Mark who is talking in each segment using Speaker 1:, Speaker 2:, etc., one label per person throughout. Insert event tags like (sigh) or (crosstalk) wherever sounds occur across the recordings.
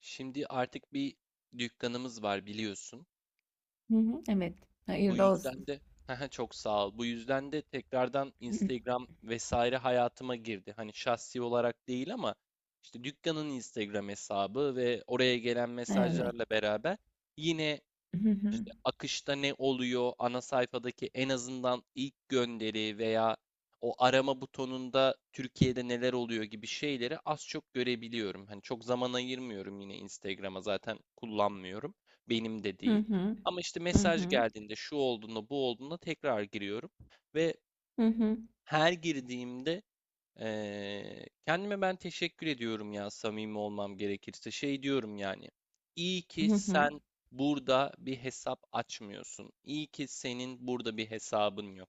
Speaker 1: Şimdi artık bir dükkanımız var biliyorsun.
Speaker 2: Hı hı, evet.
Speaker 1: Bu
Speaker 2: Hayırlı
Speaker 1: yüzden
Speaker 2: olsun.
Speaker 1: de (laughs) çok sağ ol. Bu yüzden de tekrardan
Speaker 2: (laughs)
Speaker 1: Instagram vesaire hayatıma girdi. Hani şahsi olarak değil ama işte dükkanın Instagram hesabı ve oraya gelen
Speaker 2: Evet.
Speaker 1: mesajlarla beraber yine
Speaker 2: Hı hı.
Speaker 1: işte akışta ne oluyor, ana sayfadaki en azından ilk gönderi veya o arama butonunda Türkiye'de neler oluyor gibi şeyleri az çok görebiliyorum. Hani çok zaman ayırmıyorum yine Instagram'a zaten kullanmıyorum. Benim de
Speaker 2: Hı
Speaker 1: değil.
Speaker 2: hı.
Speaker 1: Ama işte
Speaker 2: Hı
Speaker 1: mesaj
Speaker 2: hı.
Speaker 1: geldiğinde şu olduğunda bu olduğunda tekrar giriyorum ve
Speaker 2: Hı hı.
Speaker 1: her girdiğimde kendime ben teşekkür ediyorum ya samimi olmam gerekirse. Şey diyorum yani. İyi ki
Speaker 2: Hı hı.
Speaker 1: sen burada bir hesap açmıyorsun. İyi ki senin burada bir hesabın yok.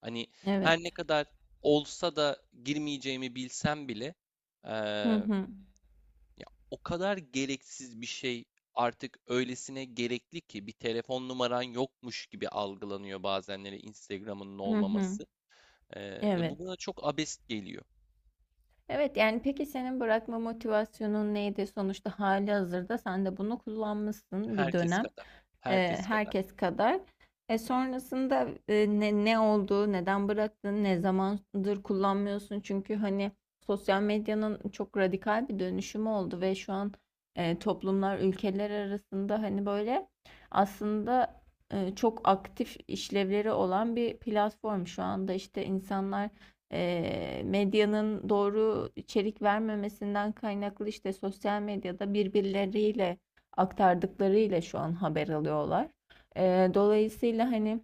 Speaker 1: Hani
Speaker 2: Evet.
Speaker 1: her ne kadar olsa da girmeyeceğimi bilsem bile
Speaker 2: Hı
Speaker 1: eee,
Speaker 2: hı.
Speaker 1: ya o kadar gereksiz bir şey artık öylesine gerekli ki bir telefon numaran yokmuş gibi algılanıyor bazenleri Instagram'ın
Speaker 2: Hı hı.
Speaker 1: olmaması. Ve
Speaker 2: Evet.
Speaker 1: bu bana çok abest geliyor.
Speaker 2: Evet yani peki senin bırakma motivasyonun neydi? Sonuçta hali hazırda sen de bunu kullanmışsın bir
Speaker 1: Herkes
Speaker 2: dönem
Speaker 1: kadar. Herkes kadar.
Speaker 2: herkes kadar. Sonrasında ne oldu, neden bıraktın, ne zamandır kullanmıyorsun? Çünkü hani sosyal medyanın çok radikal bir dönüşümü oldu ve şu an toplumlar ülkeler arasında hani böyle aslında çok aktif işlevleri olan bir platform. Şu anda işte insanlar medyanın doğru içerik vermemesinden kaynaklı işte sosyal medyada birbirleriyle aktardıklarıyla şu an haber alıyorlar. Dolayısıyla hani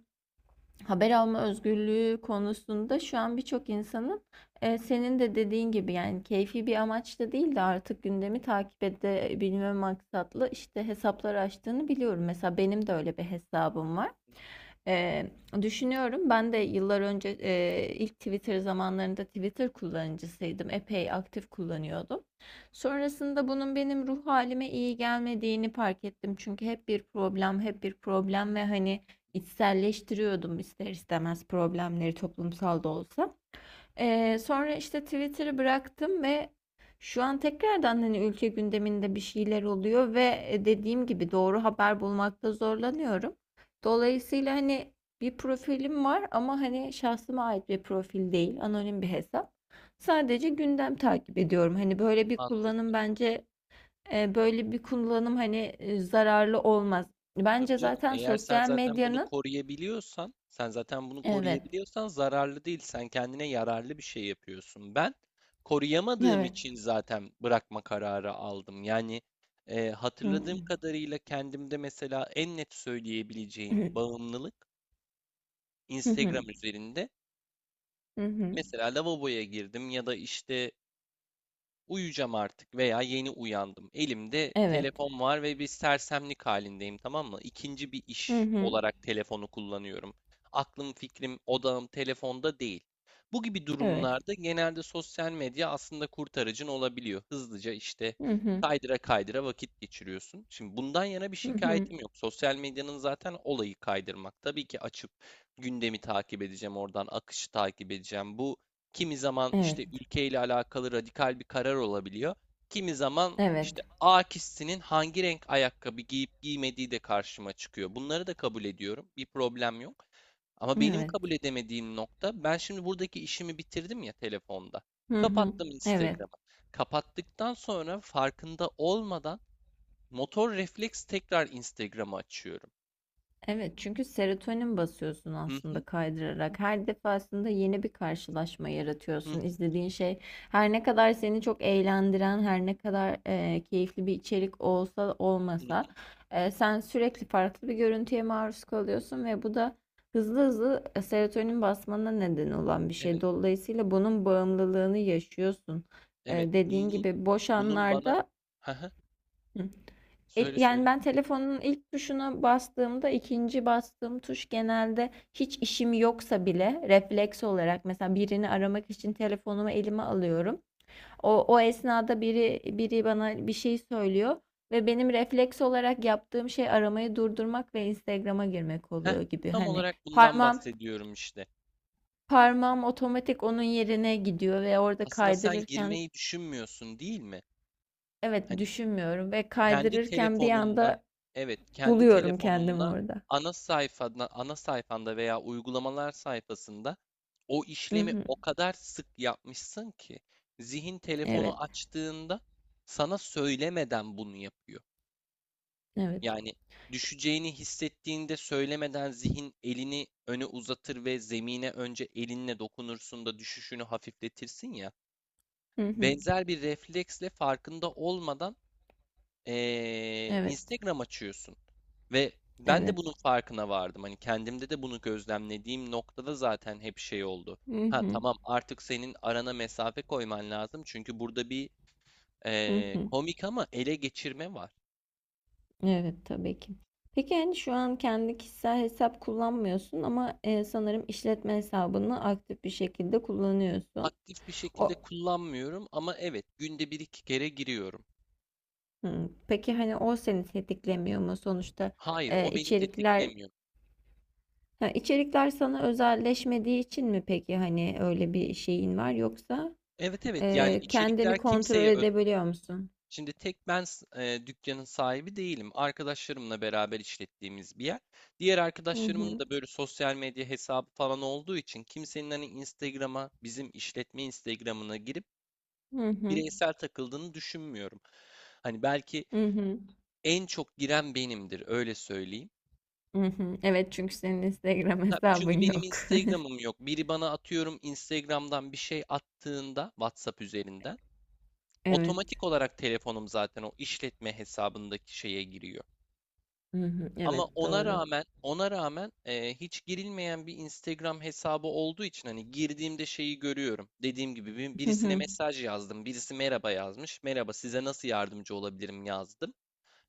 Speaker 2: haber alma özgürlüğü konusunda şu an birçok insanın senin de dediğin gibi yani keyfi bir amaçla değil de artık gündemi takip edebilme maksatlı işte hesaplar açtığını biliyorum. Mesela benim de öyle bir hesabım var. Eee, Düşünüyorum. Ben de yıllar önce ilk Twitter zamanlarında Twitter kullanıcısıydım. Epey aktif kullanıyordum.
Speaker 1: Hı hı.
Speaker 2: Sonrasında bunun benim ruh halime iyi gelmediğini fark ettim. Çünkü hep bir problem, hep bir problem ve hani içselleştiriyordum ister istemez problemleri toplumsal da olsa. Sonra işte Twitter'ı bıraktım ve şu an tekrardan hani ülke gündeminde bir şeyler oluyor ve dediğim gibi doğru haber bulmakta zorlanıyorum. Dolayısıyla hani bir profilim var ama hani şahsıma ait bir profil değil, anonim bir hesap. Sadece gündem takip ediyorum. Hani böyle bir
Speaker 1: Mantıklı.
Speaker 2: kullanım bence böyle bir kullanım hani zararlı olmaz.
Speaker 1: Tabii
Speaker 2: Bence
Speaker 1: canım,
Speaker 2: zaten
Speaker 1: eğer sen
Speaker 2: sosyal
Speaker 1: zaten bunu
Speaker 2: medyanın...
Speaker 1: koruyabiliyorsan, sen zaten bunu
Speaker 2: Evet,
Speaker 1: koruyabiliyorsan zararlı değil. Sen kendine yararlı bir şey yapıyorsun. Ben koruyamadığım
Speaker 2: evet.
Speaker 1: için zaten bırakma kararı aldım. Yani
Speaker 2: Hı
Speaker 1: hatırladığım
Speaker 2: hı.
Speaker 1: kadarıyla kendimde mesela en net söyleyebileceğim bağımlılık
Speaker 2: Hı hı.
Speaker 1: Instagram üzerinde.
Speaker 2: Hı hı.
Speaker 1: Mesela lavaboya girdim ya da işte uyuyacağım artık veya yeni uyandım. Elimde
Speaker 2: Evet.
Speaker 1: telefon var ve bir sersemlik halindeyim, tamam mı? İkinci bir
Speaker 2: Hı
Speaker 1: iş
Speaker 2: hı.
Speaker 1: olarak telefonu kullanıyorum. Aklım, fikrim, odağım telefonda değil. Bu gibi
Speaker 2: Evet.
Speaker 1: durumlarda genelde sosyal medya aslında kurtarıcın olabiliyor. Hızlıca işte
Speaker 2: Hı hı.
Speaker 1: kaydıra kaydıra vakit geçiriyorsun. Şimdi bundan yana bir
Speaker 2: Hı hı.
Speaker 1: şikayetim yok. Sosyal medyanın zaten olayı kaydırmak. Tabii ki açıp gündemi takip edeceğim, oradan akışı takip edeceğim. Kimi zaman
Speaker 2: Evet.
Speaker 1: işte ülkeyle alakalı radikal bir karar olabiliyor. Kimi zaman işte
Speaker 2: Evet.
Speaker 1: A kişisinin hangi renk ayakkabı giyip giymediği de karşıma çıkıyor. Bunları da kabul ediyorum. Bir problem yok. Ama benim
Speaker 2: Evet.
Speaker 1: kabul edemediğim nokta, ben şimdi buradaki işimi bitirdim ya telefonda.
Speaker 2: Hı hı.
Speaker 1: Kapattım
Speaker 2: Evet.
Speaker 1: Instagram'ı. Kapattıktan sonra farkında olmadan motor refleks tekrar Instagram'ı açıyorum.
Speaker 2: Evet çünkü serotonin basıyorsun
Speaker 1: Hı
Speaker 2: aslında
Speaker 1: hı,
Speaker 2: kaydırarak. Her defasında yeni bir karşılaşma
Speaker 1: hı hı,
Speaker 2: yaratıyorsun. İzlediğin şey her ne kadar seni çok eğlendiren, her ne kadar keyifli bir içerik olsa
Speaker 1: hı hı.
Speaker 2: olmasa sen sürekli farklı bir görüntüye maruz kalıyorsun ve bu da hızlı hızlı serotonin basmana neden olan bir şey.
Speaker 1: Evet,
Speaker 2: Dolayısıyla bunun bağımlılığını yaşıyorsun.
Speaker 1: evet.
Speaker 2: Dediğin
Speaker 1: Bunun,
Speaker 2: gibi boş
Speaker 1: bunun bana...
Speaker 2: anlarda...
Speaker 1: (laughs) Hı hı.
Speaker 2: Hı.
Speaker 1: Söyle
Speaker 2: Yani
Speaker 1: söyle.
Speaker 2: ben telefonun ilk tuşuna bastığımda ikinci bastığım tuş genelde hiç işim yoksa bile refleks olarak mesela birini aramak için telefonumu elime alıyorum. O esnada biri bana bir şey söylüyor ve benim refleks olarak yaptığım şey aramayı durdurmak ve Instagram'a girmek
Speaker 1: Heh,
Speaker 2: oluyor gibi
Speaker 1: tam
Speaker 2: hani
Speaker 1: olarak bundan
Speaker 2: parmağım
Speaker 1: bahsediyorum işte.
Speaker 2: otomatik onun yerine gidiyor ve orada
Speaker 1: Aslında sen
Speaker 2: kaydırırken,
Speaker 1: girmeyi düşünmüyorsun değil mi?
Speaker 2: evet,
Speaker 1: Hani
Speaker 2: düşünmüyorum ve
Speaker 1: kendi
Speaker 2: kaydırırken bir
Speaker 1: telefonunla,
Speaker 2: anda
Speaker 1: evet kendi
Speaker 2: buluyorum kendimi
Speaker 1: telefonunla
Speaker 2: orada.
Speaker 1: ana sayfanda veya uygulamalar sayfasında o
Speaker 2: Hı
Speaker 1: işlemi
Speaker 2: hı.
Speaker 1: o kadar sık yapmışsın ki zihin
Speaker 2: Evet,
Speaker 1: telefonu açtığında sana söylemeden bunu yapıyor.
Speaker 2: evet.
Speaker 1: Yani düşeceğini hissettiğinde söylemeden zihin elini öne uzatır ve zemine önce elinle dokunursun da düşüşünü hafifletirsin ya.
Speaker 2: Hı hı.
Speaker 1: Benzer bir refleksle farkında olmadan
Speaker 2: Evet,
Speaker 1: Instagram açıyorsun. Ve ben
Speaker 2: evet.
Speaker 1: de bunun farkına vardım. Hani kendimde de bunu gözlemlediğim noktada zaten hep şey oldu.
Speaker 2: Hı
Speaker 1: Ha,
Speaker 2: hı.
Speaker 1: tamam, artık senin arana mesafe koyman lazım. Çünkü burada bir
Speaker 2: Hı hı.
Speaker 1: komik ama ele geçirme var.
Speaker 2: Evet, tabii ki. Peki yani şu an kendi kişisel hesap kullanmıyorsun ama sanırım işletme hesabını aktif bir şekilde kullanıyorsun.
Speaker 1: Aktif bir şekilde
Speaker 2: O
Speaker 1: kullanmıyorum ama evet günde bir iki kere giriyorum.
Speaker 2: Hı. Peki hani o seni tetiklemiyor mu sonuçta
Speaker 1: Hayır,
Speaker 2: e,
Speaker 1: o beni
Speaker 2: içerikler
Speaker 1: tetiklemiyor.
Speaker 2: ha, içerikler sana özelleşmediği için mi peki hani öyle bir şeyin var yoksa
Speaker 1: Evet, evet, yani
Speaker 2: kendini
Speaker 1: içerikler
Speaker 2: kontrol
Speaker 1: kimseye öz
Speaker 2: edebiliyor musun?
Speaker 1: Şimdi tek ben s- e, dükkanın sahibi değilim. Arkadaşlarımla beraber işlettiğimiz bir yer. Diğer
Speaker 2: Hı
Speaker 1: arkadaşlarımın
Speaker 2: hı.
Speaker 1: da böyle sosyal medya hesabı falan olduğu için kimsenin hani bizim işletme Instagram'ına girip
Speaker 2: Hı hı.
Speaker 1: bireysel takıldığını düşünmüyorum. Hani belki
Speaker 2: Hı hı.
Speaker 1: en çok giren benimdir, öyle söyleyeyim.
Speaker 2: Hı hı. Evet çünkü senin Instagram
Speaker 1: Ha,
Speaker 2: hesabın
Speaker 1: çünkü benim
Speaker 2: yok.
Speaker 1: Instagram'ım
Speaker 2: (laughs)
Speaker 1: yok. Biri bana, atıyorum, Instagram'dan bir şey attığında WhatsApp üzerinden
Speaker 2: Evet.
Speaker 1: otomatik olarak telefonum zaten o işletme hesabındaki şeye giriyor.
Speaker 2: Hı hı.
Speaker 1: Ama
Speaker 2: Evet,
Speaker 1: ona
Speaker 2: doğru.
Speaker 1: rağmen ona rağmen hiç girilmeyen bir Instagram hesabı olduğu için hani girdiğimde şeyi görüyorum. Dediğim gibi
Speaker 2: Hı
Speaker 1: birisine
Speaker 2: hı.
Speaker 1: mesaj yazdım. Birisi merhaba yazmış. Merhaba, size nasıl yardımcı olabilirim yazdım.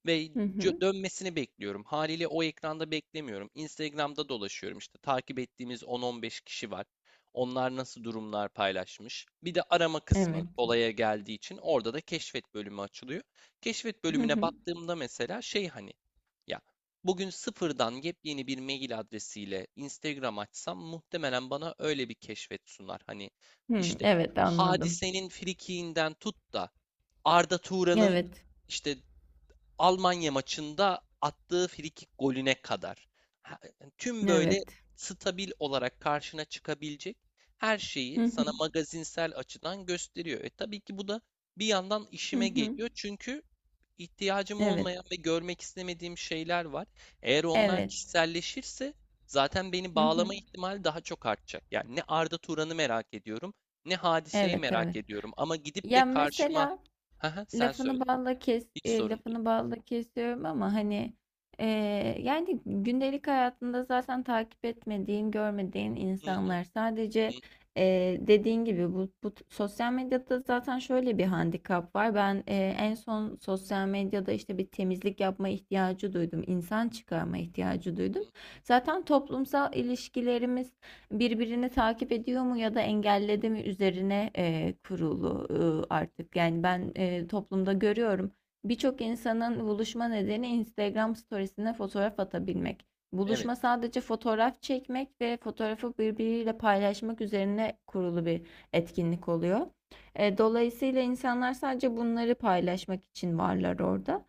Speaker 1: Ve
Speaker 2: Hı hı.
Speaker 1: dönmesini bekliyorum. Haliyle o ekranda beklemiyorum. Instagram'da dolaşıyorum. İşte. Takip ettiğimiz 10-15 kişi var. Onlar nasıl durumlar paylaşmış. Bir de arama kısmı
Speaker 2: Evet.
Speaker 1: olaya geldiği için orada da keşfet bölümü açılıyor. Keşfet
Speaker 2: Hı
Speaker 1: bölümüne
Speaker 2: hı.
Speaker 1: baktığımda mesela şey, hani ya, bugün sıfırdan yepyeni bir mail adresiyle Instagram açsam muhtemelen bana öyle bir keşfet sunar. Hani
Speaker 2: Hı.
Speaker 1: işte
Speaker 2: Evet, anladım.
Speaker 1: Hadise'nin frikiğinden tut da Arda Turan'ın
Speaker 2: Evet.
Speaker 1: işte Almanya maçında attığı frikik golüne kadar. Tüm böyle
Speaker 2: Evet.
Speaker 1: stabil olarak karşına çıkabilecek her şeyi
Speaker 2: Hı hı.
Speaker 1: sana magazinsel açıdan gösteriyor. E, tabii ki bu da bir yandan
Speaker 2: Hı
Speaker 1: işime
Speaker 2: hı.
Speaker 1: geliyor. Çünkü ihtiyacım
Speaker 2: Evet.
Speaker 1: olmayan ve görmek istemediğim şeyler var. Eğer onlar
Speaker 2: Evet.
Speaker 1: kişiselleşirse zaten beni
Speaker 2: Hı hı.
Speaker 1: bağlama ihtimali daha çok artacak. Yani ne Arda Turan'ı merak ediyorum, ne hadiseyi
Speaker 2: Evet,
Speaker 1: merak
Speaker 2: evet.
Speaker 1: ediyorum. Ama gidip de
Speaker 2: Ya
Speaker 1: karşıma,
Speaker 2: mesela
Speaker 1: (laughs) sen
Speaker 2: lafını
Speaker 1: söyle,
Speaker 2: balla kes
Speaker 1: hiç sorun değil.
Speaker 2: lafını balla kesiyorum ama hani e, yani gündelik hayatında zaten takip etmediğin, görmediğin
Speaker 1: Hı hı.
Speaker 2: insanlar sadece dediğin gibi bu sosyal medyada zaten şöyle bir handikap var. Ben en son sosyal medyada işte bir temizlik yapma ihtiyacı duydum, insan çıkarma ihtiyacı
Speaker 1: Hı
Speaker 2: duydum.
Speaker 1: hı.
Speaker 2: Zaten toplumsal ilişkilerimiz birbirini takip ediyor mu ya da engelledi mi üzerine kurulu artık. Yani ben toplumda görüyorum. Birçok insanın buluşma nedeni Instagram storiesine fotoğraf atabilmek.
Speaker 1: Evet.
Speaker 2: Buluşma sadece fotoğraf çekmek ve fotoğrafı birbiriyle paylaşmak üzerine kurulu bir etkinlik oluyor. Dolayısıyla insanlar sadece bunları paylaşmak için varlar orada.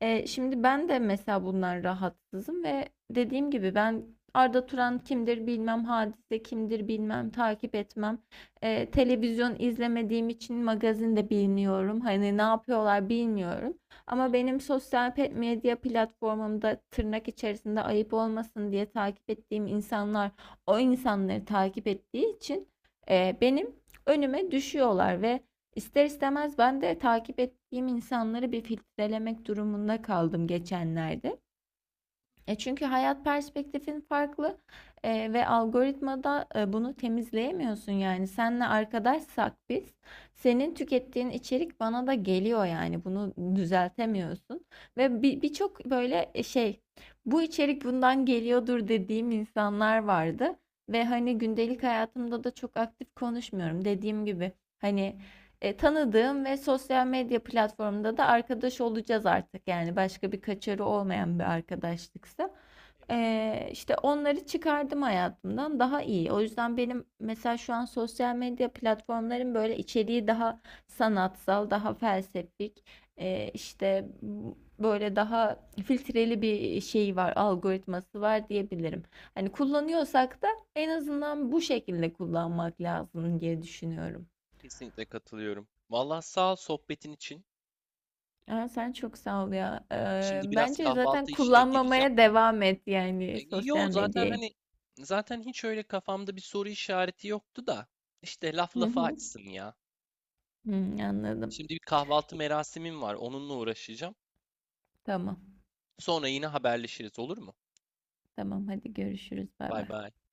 Speaker 2: Şimdi ben de mesela bundan rahatsızım ve dediğim gibi ben Arda Turan kimdir bilmem, Hadise kimdir bilmem, takip etmem. Televizyon izlemediğim için magazin de bilmiyorum. Hani ne yapıyorlar bilmiyorum.
Speaker 1: Hı
Speaker 2: Ama
Speaker 1: hı.
Speaker 2: benim sosyal medya platformumda tırnak içerisinde ayıp olmasın diye takip ettiğim insanlar o insanları takip ettiği için
Speaker 1: Hı hı.
Speaker 2: benim önüme düşüyorlar ve
Speaker 1: Hı.
Speaker 2: ister istemez ben de takip ettiğim insanları bir filtrelemek durumunda kaldım geçenlerde. Çünkü hayat perspektifin farklı ve algoritmada bunu temizleyemiyorsun yani. Senle arkadaşsak biz, senin tükettiğin içerik bana da geliyor yani. Bunu düzeltemiyorsun. Ve bir birçok böyle bu içerik bundan geliyordur dediğim insanlar vardı. Ve hani gündelik hayatımda da çok aktif konuşmuyorum. Dediğim gibi hani tanıdığım ve sosyal medya platformunda da arkadaş olacağız artık. Yani başka bir kaçarı olmayan bir arkadaşlıksa. İşte onları çıkardım hayatımdan daha iyi. O yüzden benim mesela şu an sosyal medya platformların böyle içeriği daha sanatsal, daha felsefik, işte böyle daha filtreli bir şey var, algoritması var diyebilirim. Hani kullanıyorsak da en azından bu şekilde kullanmak lazım diye düşünüyorum.
Speaker 1: Kesinlikle katılıyorum. Vallahi sağ ol sohbetin için.
Speaker 2: Aa, sen çok sağ ol ya.
Speaker 1: Şimdi biraz
Speaker 2: Bence zaten
Speaker 1: kahvaltı işine gireceğim.
Speaker 2: kullanmamaya devam et yani
Speaker 1: Yo,
Speaker 2: sosyal medyayı.
Speaker 1: zaten hiç öyle kafamda bir soru işareti yoktu da işte laf
Speaker 2: Hı
Speaker 1: lafa
Speaker 2: hı.
Speaker 1: açsın ya.
Speaker 2: Hı, anladım.
Speaker 1: Şimdi bir kahvaltı merasimim var. Onunla uğraşacağım.
Speaker 2: Tamam.
Speaker 1: Sonra yine haberleşiriz, olur mu?
Speaker 2: Tamam, hadi görüşürüz. Bay
Speaker 1: Bay
Speaker 2: bay.
Speaker 1: bay.